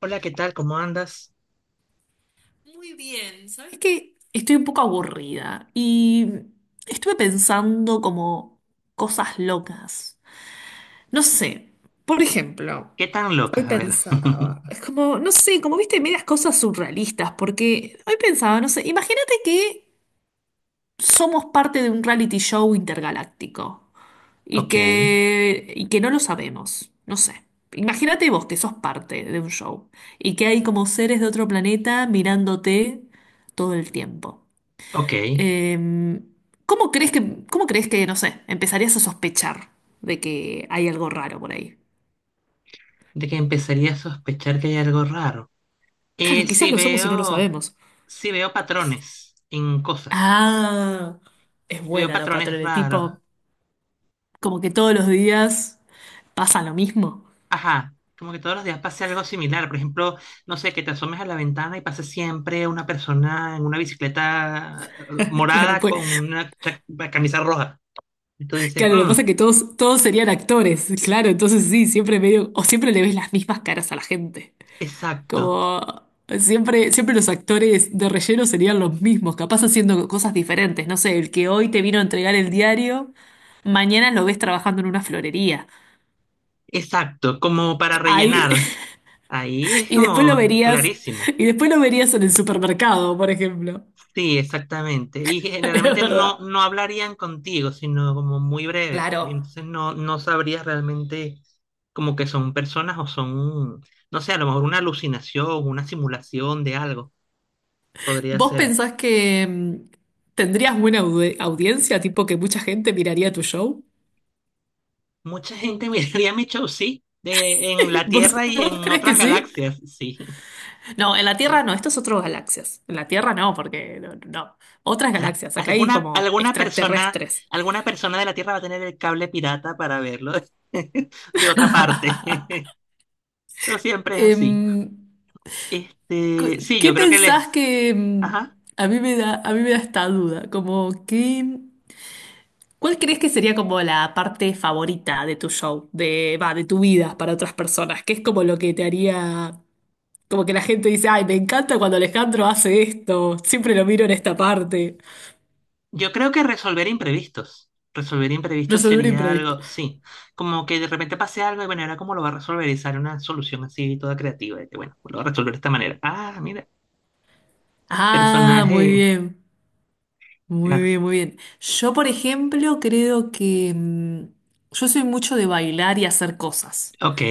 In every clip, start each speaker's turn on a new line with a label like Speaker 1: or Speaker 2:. Speaker 1: Hola, ¿qué tal? ¿Cómo andas?
Speaker 2: Muy bien, ¿sabes qué? Estoy un poco aburrida y estuve pensando como cosas locas. No sé, por ejemplo,
Speaker 1: ¿Qué tan
Speaker 2: hoy
Speaker 1: locas? A ver.
Speaker 2: pensaba, es como, no sé, como viste, medias cosas surrealistas, porque hoy pensaba, no sé, imagínate que somos parte de un reality show intergaláctico y
Speaker 1: Ok,
Speaker 2: que, y que no lo sabemos, no sé. Imagínate vos que sos parte de un show y que hay como seres de otro planeta mirándote todo el tiempo.
Speaker 1: ok.
Speaker 2: Eh, cómo crees que, no sé, empezarías a sospechar de que hay algo raro por ahí?
Speaker 1: ¿De que empezaría a sospechar que hay algo raro?
Speaker 2: Claro,
Speaker 1: Eh,
Speaker 2: quizás
Speaker 1: sí
Speaker 2: lo somos y no lo
Speaker 1: veo,
Speaker 2: sabemos.
Speaker 1: sí veo patrones en cosas.
Speaker 2: Ah, es
Speaker 1: Sí veo
Speaker 2: buena la
Speaker 1: patrones
Speaker 2: patrona,
Speaker 1: raros.
Speaker 2: tipo, como que todos los días pasa lo mismo.
Speaker 1: Ajá. Como que todos los días pase algo similar. Por ejemplo, no sé, que te asomes a la ventana y pase siempre una persona en una bicicleta
Speaker 2: Claro,
Speaker 1: morada con
Speaker 2: pues
Speaker 1: una camisa roja. Y tú dices,
Speaker 2: claro, lo que
Speaker 1: "Mm,
Speaker 2: pasa es que todos serían actores, claro, entonces sí, siempre medio, o siempre le ves las mismas caras a la gente.
Speaker 1: exacto,
Speaker 2: Como siempre los actores de relleno serían los mismos, capaz haciendo cosas diferentes. No sé, el que hoy te vino a entregar el diario, mañana lo ves trabajando en una florería.
Speaker 1: exacto, como para
Speaker 2: Ahí,
Speaker 1: rellenar. Ahí es
Speaker 2: y después lo
Speaker 1: como
Speaker 2: verías,
Speaker 1: clarísimo.
Speaker 2: y después lo verías en el supermercado, por ejemplo.
Speaker 1: Sí, exactamente. Y
Speaker 2: Es
Speaker 1: generalmente
Speaker 2: verdad.
Speaker 1: no hablarían contigo, sino como muy breve. Y
Speaker 2: Claro.
Speaker 1: entonces no sabrías realmente como que son personas o son, no sé, a lo mejor una alucinación, una simulación de algo. Podría
Speaker 2: ¿Vos
Speaker 1: ser.
Speaker 2: pensás que tendrías buena audiencia, tipo que mucha gente miraría tu show?
Speaker 1: Mucha gente miraría mi show, sí, de, en la
Speaker 2: ¿Vos,
Speaker 1: Tierra y en
Speaker 2: vos crees que
Speaker 1: otras
Speaker 2: sí?
Speaker 1: galaxias, sí.
Speaker 2: No, en la
Speaker 1: Eh,
Speaker 2: Tierra no, esto es otro galaxias. En la Tierra no, porque no, no. Otras
Speaker 1: ajá.
Speaker 2: galaxias, acá hay como extraterrestres.
Speaker 1: Alguna persona de la Tierra va a tener el cable pirata para verlo de otra parte. No siempre es así.
Speaker 2: Em, ¿qué
Speaker 1: Sí,
Speaker 2: qué
Speaker 1: yo creo que
Speaker 2: pensás
Speaker 1: les,
Speaker 2: que
Speaker 1: ajá,
Speaker 2: a mí me da, a mí me da esta duda? Como que, ¿cuál crees que sería como la parte favorita de tu show, de, va, de tu vida para otras personas? ¿Qué es como lo que te haría, como que la gente dice, ay, me encanta cuando Alejandro hace esto, siempre lo miro en esta parte?
Speaker 1: yo creo que resolver imprevistos. Resolver imprevistos
Speaker 2: Resolver
Speaker 1: sería
Speaker 2: imprevistos.
Speaker 1: algo, sí, como que de repente pase algo y bueno, ahora cómo lo va a resolver y sale una solución así toda creativa, de que bueno, lo va a resolver de esta manera. Ah, mira,
Speaker 2: Ah, muy
Speaker 1: personaje,
Speaker 2: bien, muy
Speaker 1: claro,
Speaker 2: bien, muy bien. Yo, por ejemplo, creo que yo soy mucho de bailar y hacer cosas.
Speaker 1: ok.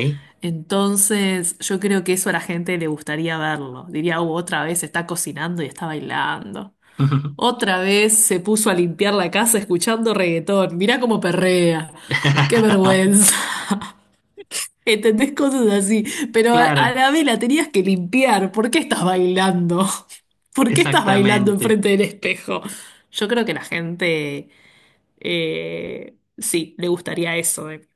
Speaker 2: Entonces, yo creo que eso a la gente le gustaría verlo. Diría: otra vez está cocinando y está bailando. Otra vez se puso a limpiar la casa escuchando reggaetón. Mirá cómo perrea. Qué vergüenza. ¿Entendés?" Cosas así. Pero a
Speaker 1: Claro,
Speaker 2: la vez la tenías que limpiar. ¿Por qué estás bailando? ¿Por qué estás bailando
Speaker 1: exactamente,
Speaker 2: enfrente del espejo? Yo creo que la gente, sí, le gustaría eso.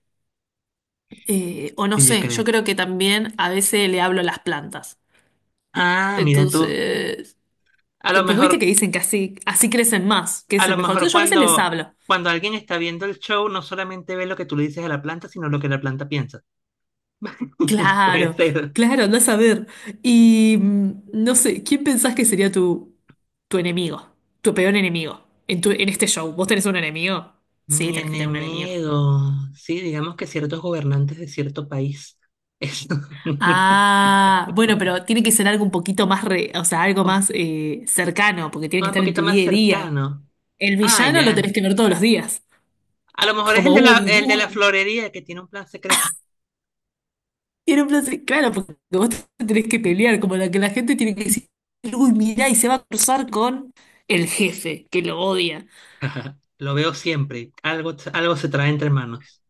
Speaker 2: O no
Speaker 1: sí, yo
Speaker 2: sé, yo
Speaker 1: creo.
Speaker 2: creo que también a veces le hablo a las plantas.
Speaker 1: Ah, mira tú,
Speaker 2: Entonces,
Speaker 1: a lo
Speaker 2: porque viste
Speaker 1: mejor,
Speaker 2: que dicen que así crecen más,
Speaker 1: a
Speaker 2: crecen
Speaker 1: lo
Speaker 2: mejor.
Speaker 1: mejor
Speaker 2: Entonces yo a veces les
Speaker 1: cuando,
Speaker 2: hablo.
Speaker 1: cuando alguien está viendo el show, no solamente ve lo que tú le dices a la planta, sino lo que la planta piensa. Puede
Speaker 2: Claro,
Speaker 1: ser.
Speaker 2: claro, andás a ver. Y no sé, ¿quién pensás que sería tu, tu enemigo? Tu peor enemigo en, en este show. ¿Vos tenés un enemigo? Sí,
Speaker 1: Mi
Speaker 2: tenés que tener un enemigo.
Speaker 1: enemigo. Sí, digamos que ciertos gobernantes de cierto país. Es
Speaker 2: Ah, bueno, pero tiene que ser algo un poquito más, o sea, algo
Speaker 1: un,
Speaker 2: más cercano, porque tiene que
Speaker 1: un
Speaker 2: estar en
Speaker 1: poquito
Speaker 2: tu
Speaker 1: más
Speaker 2: día a día.
Speaker 1: cercano.
Speaker 2: El
Speaker 1: Ah,
Speaker 2: villano lo tenés
Speaker 1: ya.
Speaker 2: que ver todos los días.
Speaker 1: A lo mejor es
Speaker 2: Como,
Speaker 1: el de
Speaker 2: uy,
Speaker 1: el de la
Speaker 2: uy,
Speaker 1: florería que tiene un plan secreto.
Speaker 2: tiene un Claro, porque vos te tenés que pelear, como la que la gente tiene que decir, uy, mirá, y se va a cruzar con el jefe, que lo odia.
Speaker 1: Ajá, lo veo siempre. Algo, algo se trae entre manos.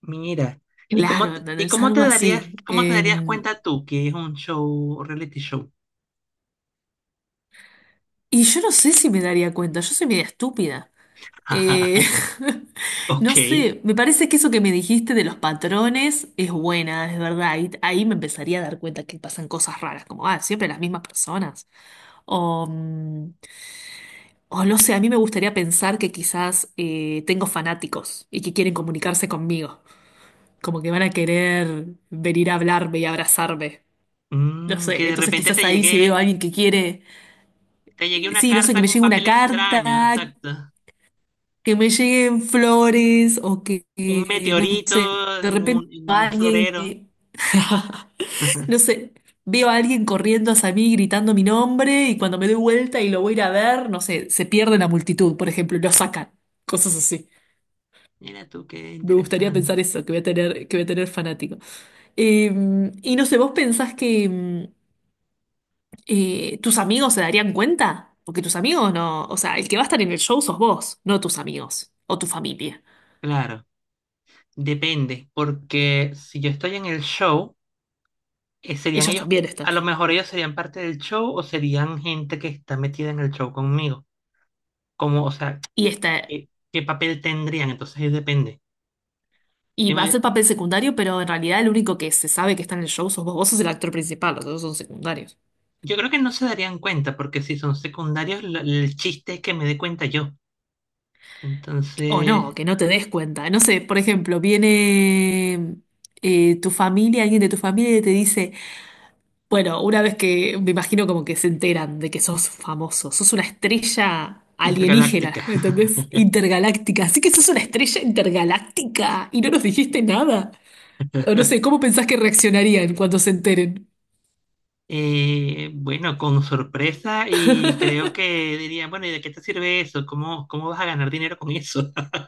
Speaker 1: Mira, ¿y cómo,
Speaker 2: Claro, no, no,
Speaker 1: y
Speaker 2: es algo así.
Speaker 1: cómo te darías cuenta tú que es un show, reality show?
Speaker 2: Y yo no sé si me daría cuenta, yo soy media estúpida. Eh, no
Speaker 1: Ok.
Speaker 2: sé, me parece que eso que me dijiste de los patrones es buena, es verdad. Ahí, ahí me empezaría a dar cuenta que pasan cosas raras, como, ah, siempre las mismas personas. O, o no sé, a mí me gustaría pensar que quizás tengo fanáticos y que quieren comunicarse conmigo, como que van a querer venir a hablarme y abrazarme. No
Speaker 1: Mm, que
Speaker 2: sé,
Speaker 1: de
Speaker 2: entonces
Speaker 1: repente te
Speaker 2: quizás ahí si veo a
Speaker 1: llegue,
Speaker 2: alguien que quiere...
Speaker 1: te llegué una
Speaker 2: Sí, no sé,
Speaker 1: carta
Speaker 2: que
Speaker 1: en
Speaker 2: me
Speaker 1: un
Speaker 2: llegue una
Speaker 1: papel
Speaker 2: carta,
Speaker 1: extraño, exacto.
Speaker 2: que me lleguen flores o que,
Speaker 1: Un
Speaker 2: que, no sé,
Speaker 1: meteorito
Speaker 2: de repente
Speaker 1: en un
Speaker 2: alguien
Speaker 1: florero.
Speaker 2: que, no sé, veo a alguien corriendo hacia mí gritando mi nombre y cuando me doy vuelta y lo voy a ir a ver, no sé, se pierde en la multitud, por ejemplo, y lo sacan, cosas así.
Speaker 1: Mira tú, qué
Speaker 2: Me gustaría
Speaker 1: interesante.
Speaker 2: pensar eso, que voy a tener, que voy a tener fanático. Eh, y no sé, ¿vos pensás que, tus amigos se darían cuenta? Porque tus amigos no, o sea, el que va a estar en el show sos vos, no tus amigos o tu familia.
Speaker 1: Claro, depende, porque si yo estoy en el show, serían
Speaker 2: Ellos
Speaker 1: ellos,
Speaker 2: también están.
Speaker 1: a lo mejor ellos serían parte del show o serían gente que está metida en el show conmigo. Como, o sea,
Speaker 2: Y está,
Speaker 1: ¿qué, qué papel tendrían? Entonces ahí depende.
Speaker 2: y va a
Speaker 1: Dime,
Speaker 2: ser papel secundario, pero en realidad el único que se sabe que está en el show sos vos. Vos sos el actor principal, los otros son secundarios.
Speaker 1: yo creo que no se darían cuenta, porque si son secundarios, el chiste es que me dé cuenta yo.
Speaker 2: O no,
Speaker 1: Entonces,
Speaker 2: que no te des cuenta. No sé, por ejemplo, viene tu familia, alguien de tu familia y te dice. Bueno, una vez que me imagino como que se enteran de que sos famoso, sos una estrella
Speaker 1: intergaláctica.
Speaker 2: alienígena, ¿me ¿entendés? Intergaláctica, así que sos una estrella intergaláctica y no nos dijiste nada. O no sé, ¿cómo pensás que reaccionarían cuando se enteren?
Speaker 1: Bueno, con sorpresa y creo que dirían, bueno, ¿y de qué te sirve eso? ¿Cómo, cómo vas a ganar dinero con eso?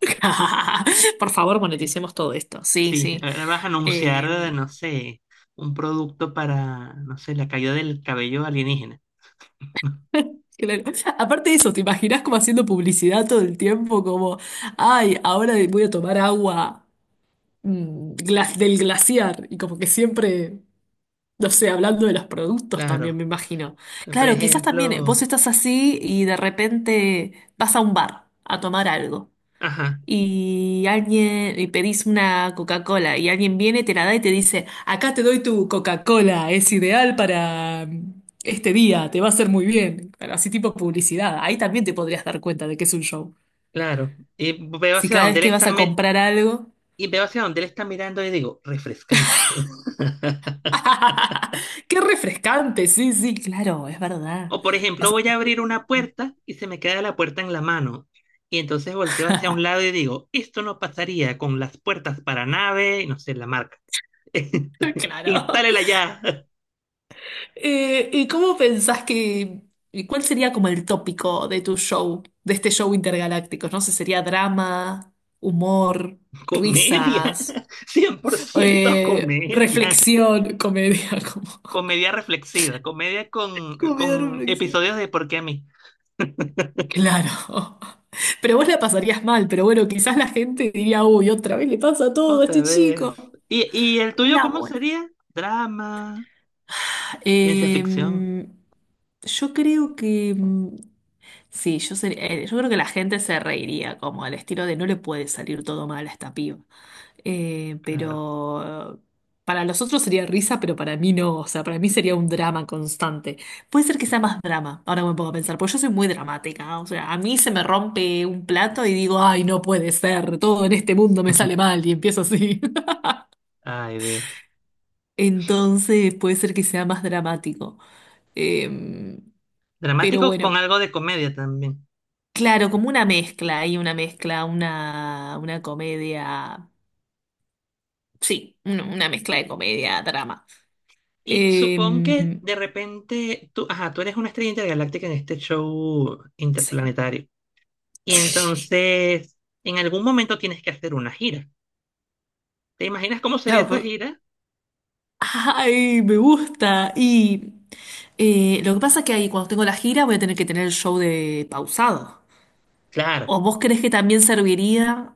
Speaker 2: Por favor,
Speaker 1: Eh,
Speaker 2: moneticemos todo esto. Sí,
Speaker 1: sí,
Speaker 2: sí.
Speaker 1: ahora vas a anunciar,
Speaker 2: Eh,
Speaker 1: no sé, un producto para, no sé, la caída del cabello alienígena.
Speaker 2: claro. Aparte de eso, ¿te imaginás como haciendo publicidad todo el tiempo? Como, ay, ahora voy a tomar agua del glaciar y como que siempre... No sé, hablando de los productos también, me
Speaker 1: Claro,
Speaker 2: imagino.
Speaker 1: por
Speaker 2: Claro, quizás también vos
Speaker 1: ejemplo,
Speaker 2: estás así y de repente vas a un bar a tomar algo
Speaker 1: ajá,
Speaker 2: y alguien y pedís una Coca-Cola y alguien viene, te la da y te dice, acá te doy tu Coca-Cola, es ideal para este día, te va a hacer muy bien. Pero así tipo publicidad, ahí también te podrías dar cuenta de que es un show.
Speaker 1: claro, y veo
Speaker 2: Si
Speaker 1: hacia
Speaker 2: cada
Speaker 1: dónde
Speaker 2: vez
Speaker 1: él
Speaker 2: que
Speaker 1: está,
Speaker 2: vas a comprar algo...
Speaker 1: y veo hacia dónde él está mirando y digo, refrescante.
Speaker 2: ¡Qué refrescante! Sí, sí, claro, es verdad.
Speaker 1: O por ejemplo,
Speaker 2: Vas a-
Speaker 1: voy a abrir una puerta y se me queda la puerta en la mano. Y entonces volteo hacia un lado y digo, esto no pasaría con las puertas para nave, y no sé, la marca.
Speaker 2: Claro.
Speaker 1: Instálela ya.
Speaker 2: ¿Y cómo pensás que, y cuál sería como el tópico de tu show, de este show intergaláctico? No sé, sería drama, humor,
Speaker 1: Comedia.
Speaker 2: risas,
Speaker 1: Cien por ciento comedia.
Speaker 2: reflexión, comedia, como...
Speaker 1: Comedia reflexiva. Comedia
Speaker 2: comedia
Speaker 1: con
Speaker 2: reflexión.
Speaker 1: episodios de ¿por qué a mí?
Speaker 2: Claro. Pero vos la pasarías mal, pero bueno, quizás la gente diría, uy, otra vez le pasa todo a
Speaker 1: Otra
Speaker 2: este
Speaker 1: vez.
Speaker 2: chico.
Speaker 1: ¿Y, y el tuyo
Speaker 2: Una
Speaker 1: cómo
Speaker 2: buena.
Speaker 1: sería? Drama, ciencia ficción.
Speaker 2: Eh, yo creo que. Sí, yo, yo creo que la gente se reiría, como al estilo de no le puede salir todo mal a esta piba.
Speaker 1: Claro.
Speaker 2: Pero para los otros sería risa, pero para mí no. O sea, para mí sería un drama constante. Puede ser que sea más drama, ahora me pongo a pensar, porque yo soy muy dramática. O sea, a mí se me rompe un plato y digo, ay, no puede ser, todo en este mundo me sale mal y empiezo así.
Speaker 1: Ay, Dios.
Speaker 2: Entonces puede ser que sea más dramático. Em, pero
Speaker 1: Dramático con
Speaker 2: bueno.
Speaker 1: algo de comedia también.
Speaker 2: Claro, como una mezcla, hay una mezcla, una comedia, sí, una mezcla de comedia, drama.
Speaker 1: Y supón que
Speaker 2: Em,
Speaker 1: de repente tú, ajá, tú eres una estrella intergaláctica en este show
Speaker 2: sí,
Speaker 1: interplanetario. Y entonces, en algún momento tienes que hacer una gira. ¿Te imaginas cómo sería
Speaker 2: claro,
Speaker 1: esa gira?
Speaker 2: ay, me gusta. Y lo que pasa es que ahí cuando tengo la gira voy a tener que tener el show de pausado.
Speaker 1: Claro,
Speaker 2: ¿O vos crees que también serviría?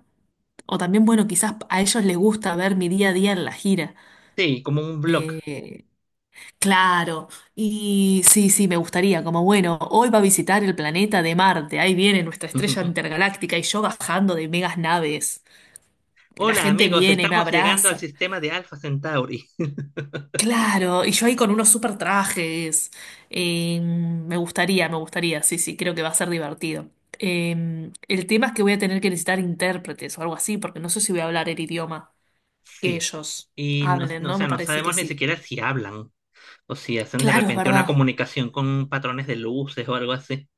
Speaker 2: O también, bueno, quizás a ellos les gusta ver mi día a día en la gira.
Speaker 1: sí, como un blog.
Speaker 2: Eh, Claro, y sí, sí, me gustaría, como bueno, hoy va a visitar el planeta de Marte, ahí viene nuestra estrella intergaláctica y yo bajando de megas naves, la
Speaker 1: Hola
Speaker 2: gente
Speaker 1: amigos,
Speaker 2: viene y me
Speaker 1: estamos llegando al
Speaker 2: abraza,
Speaker 1: sistema de Alpha Centauri.
Speaker 2: claro, y yo ahí con unos super trajes. Me gustaría, sí, sí, creo que va a ser divertido. El tema es que voy a tener que necesitar intérpretes o algo así, porque no sé si voy a hablar el idioma que
Speaker 1: Sí.
Speaker 2: ellos
Speaker 1: Y no,
Speaker 2: hablen,
Speaker 1: o
Speaker 2: ¿no? Me
Speaker 1: sea, no
Speaker 2: parece que
Speaker 1: sabemos ni
Speaker 2: sí.
Speaker 1: siquiera si hablan o si hacen de
Speaker 2: Claro, es
Speaker 1: repente una
Speaker 2: verdad.
Speaker 1: comunicación con patrones de luces o algo así.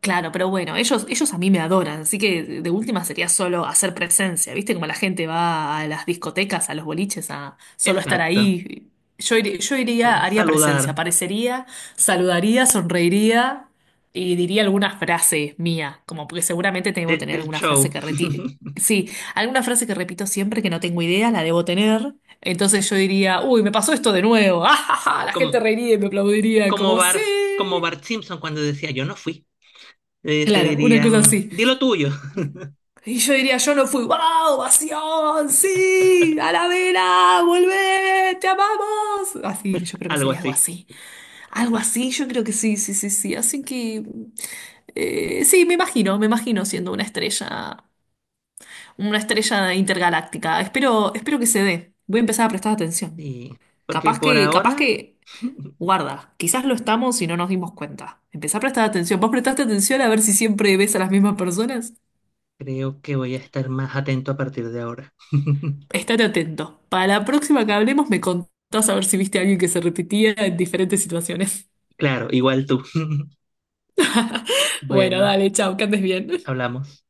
Speaker 2: Claro, pero bueno, ellos a mí me adoran, así que de última sería solo hacer presencia, ¿viste? Como la gente va a las discotecas, a los boliches, a solo estar
Speaker 1: Exacto.
Speaker 2: ahí. Yo, yo iría, haría presencia,
Speaker 1: Saludar
Speaker 2: aparecería, saludaría, sonreiría y diría alguna frase mía, como porque seguramente debo tener
Speaker 1: del
Speaker 2: alguna frase
Speaker 1: show.
Speaker 2: que sí, alguna frase que repito siempre que no tengo idea, la debo tener. Entonces yo diría, uy, me pasó esto de nuevo, ¡ah, ja, ja! La
Speaker 1: Como,
Speaker 2: gente reiría y me aplaudiría,
Speaker 1: como
Speaker 2: como sí.
Speaker 1: Bart, como Bart Simpson cuando decía yo no fui, te
Speaker 2: Claro, una cosa
Speaker 1: dirían,
Speaker 2: así.
Speaker 1: di lo tuyo.
Speaker 2: Eh, Y yo diría, yo no fui, ¡wow! ¡Ovación! ¡Sí! ¡A la vela! ¡Volvé! ¡Te amamos! Así, yo creo que
Speaker 1: Algo
Speaker 2: sería algo
Speaker 1: así.
Speaker 2: así. Algo así, yo creo que sí, sí, sí, sí. Así que, sí, me imagino siendo una estrella intergaláctica. Espero, espero que se dé. Voy a empezar a prestar atención.
Speaker 1: Y porque por
Speaker 2: Capaz
Speaker 1: ahora
Speaker 2: que, guarda, quizás lo estamos y no nos dimos cuenta. Empezá a prestar atención. ¿Vos prestaste atención a ver si siempre ves a las mismas personas?
Speaker 1: creo que voy a estar más atento a partir de ahora.
Speaker 2: Estate atento. Para la próxima que hablemos me contás a ver si viste a alguien que se repetía en diferentes situaciones.
Speaker 1: Claro, igual tú.
Speaker 2: Bueno,
Speaker 1: Bueno,
Speaker 2: dale, chao, que andes bien.
Speaker 1: hablamos.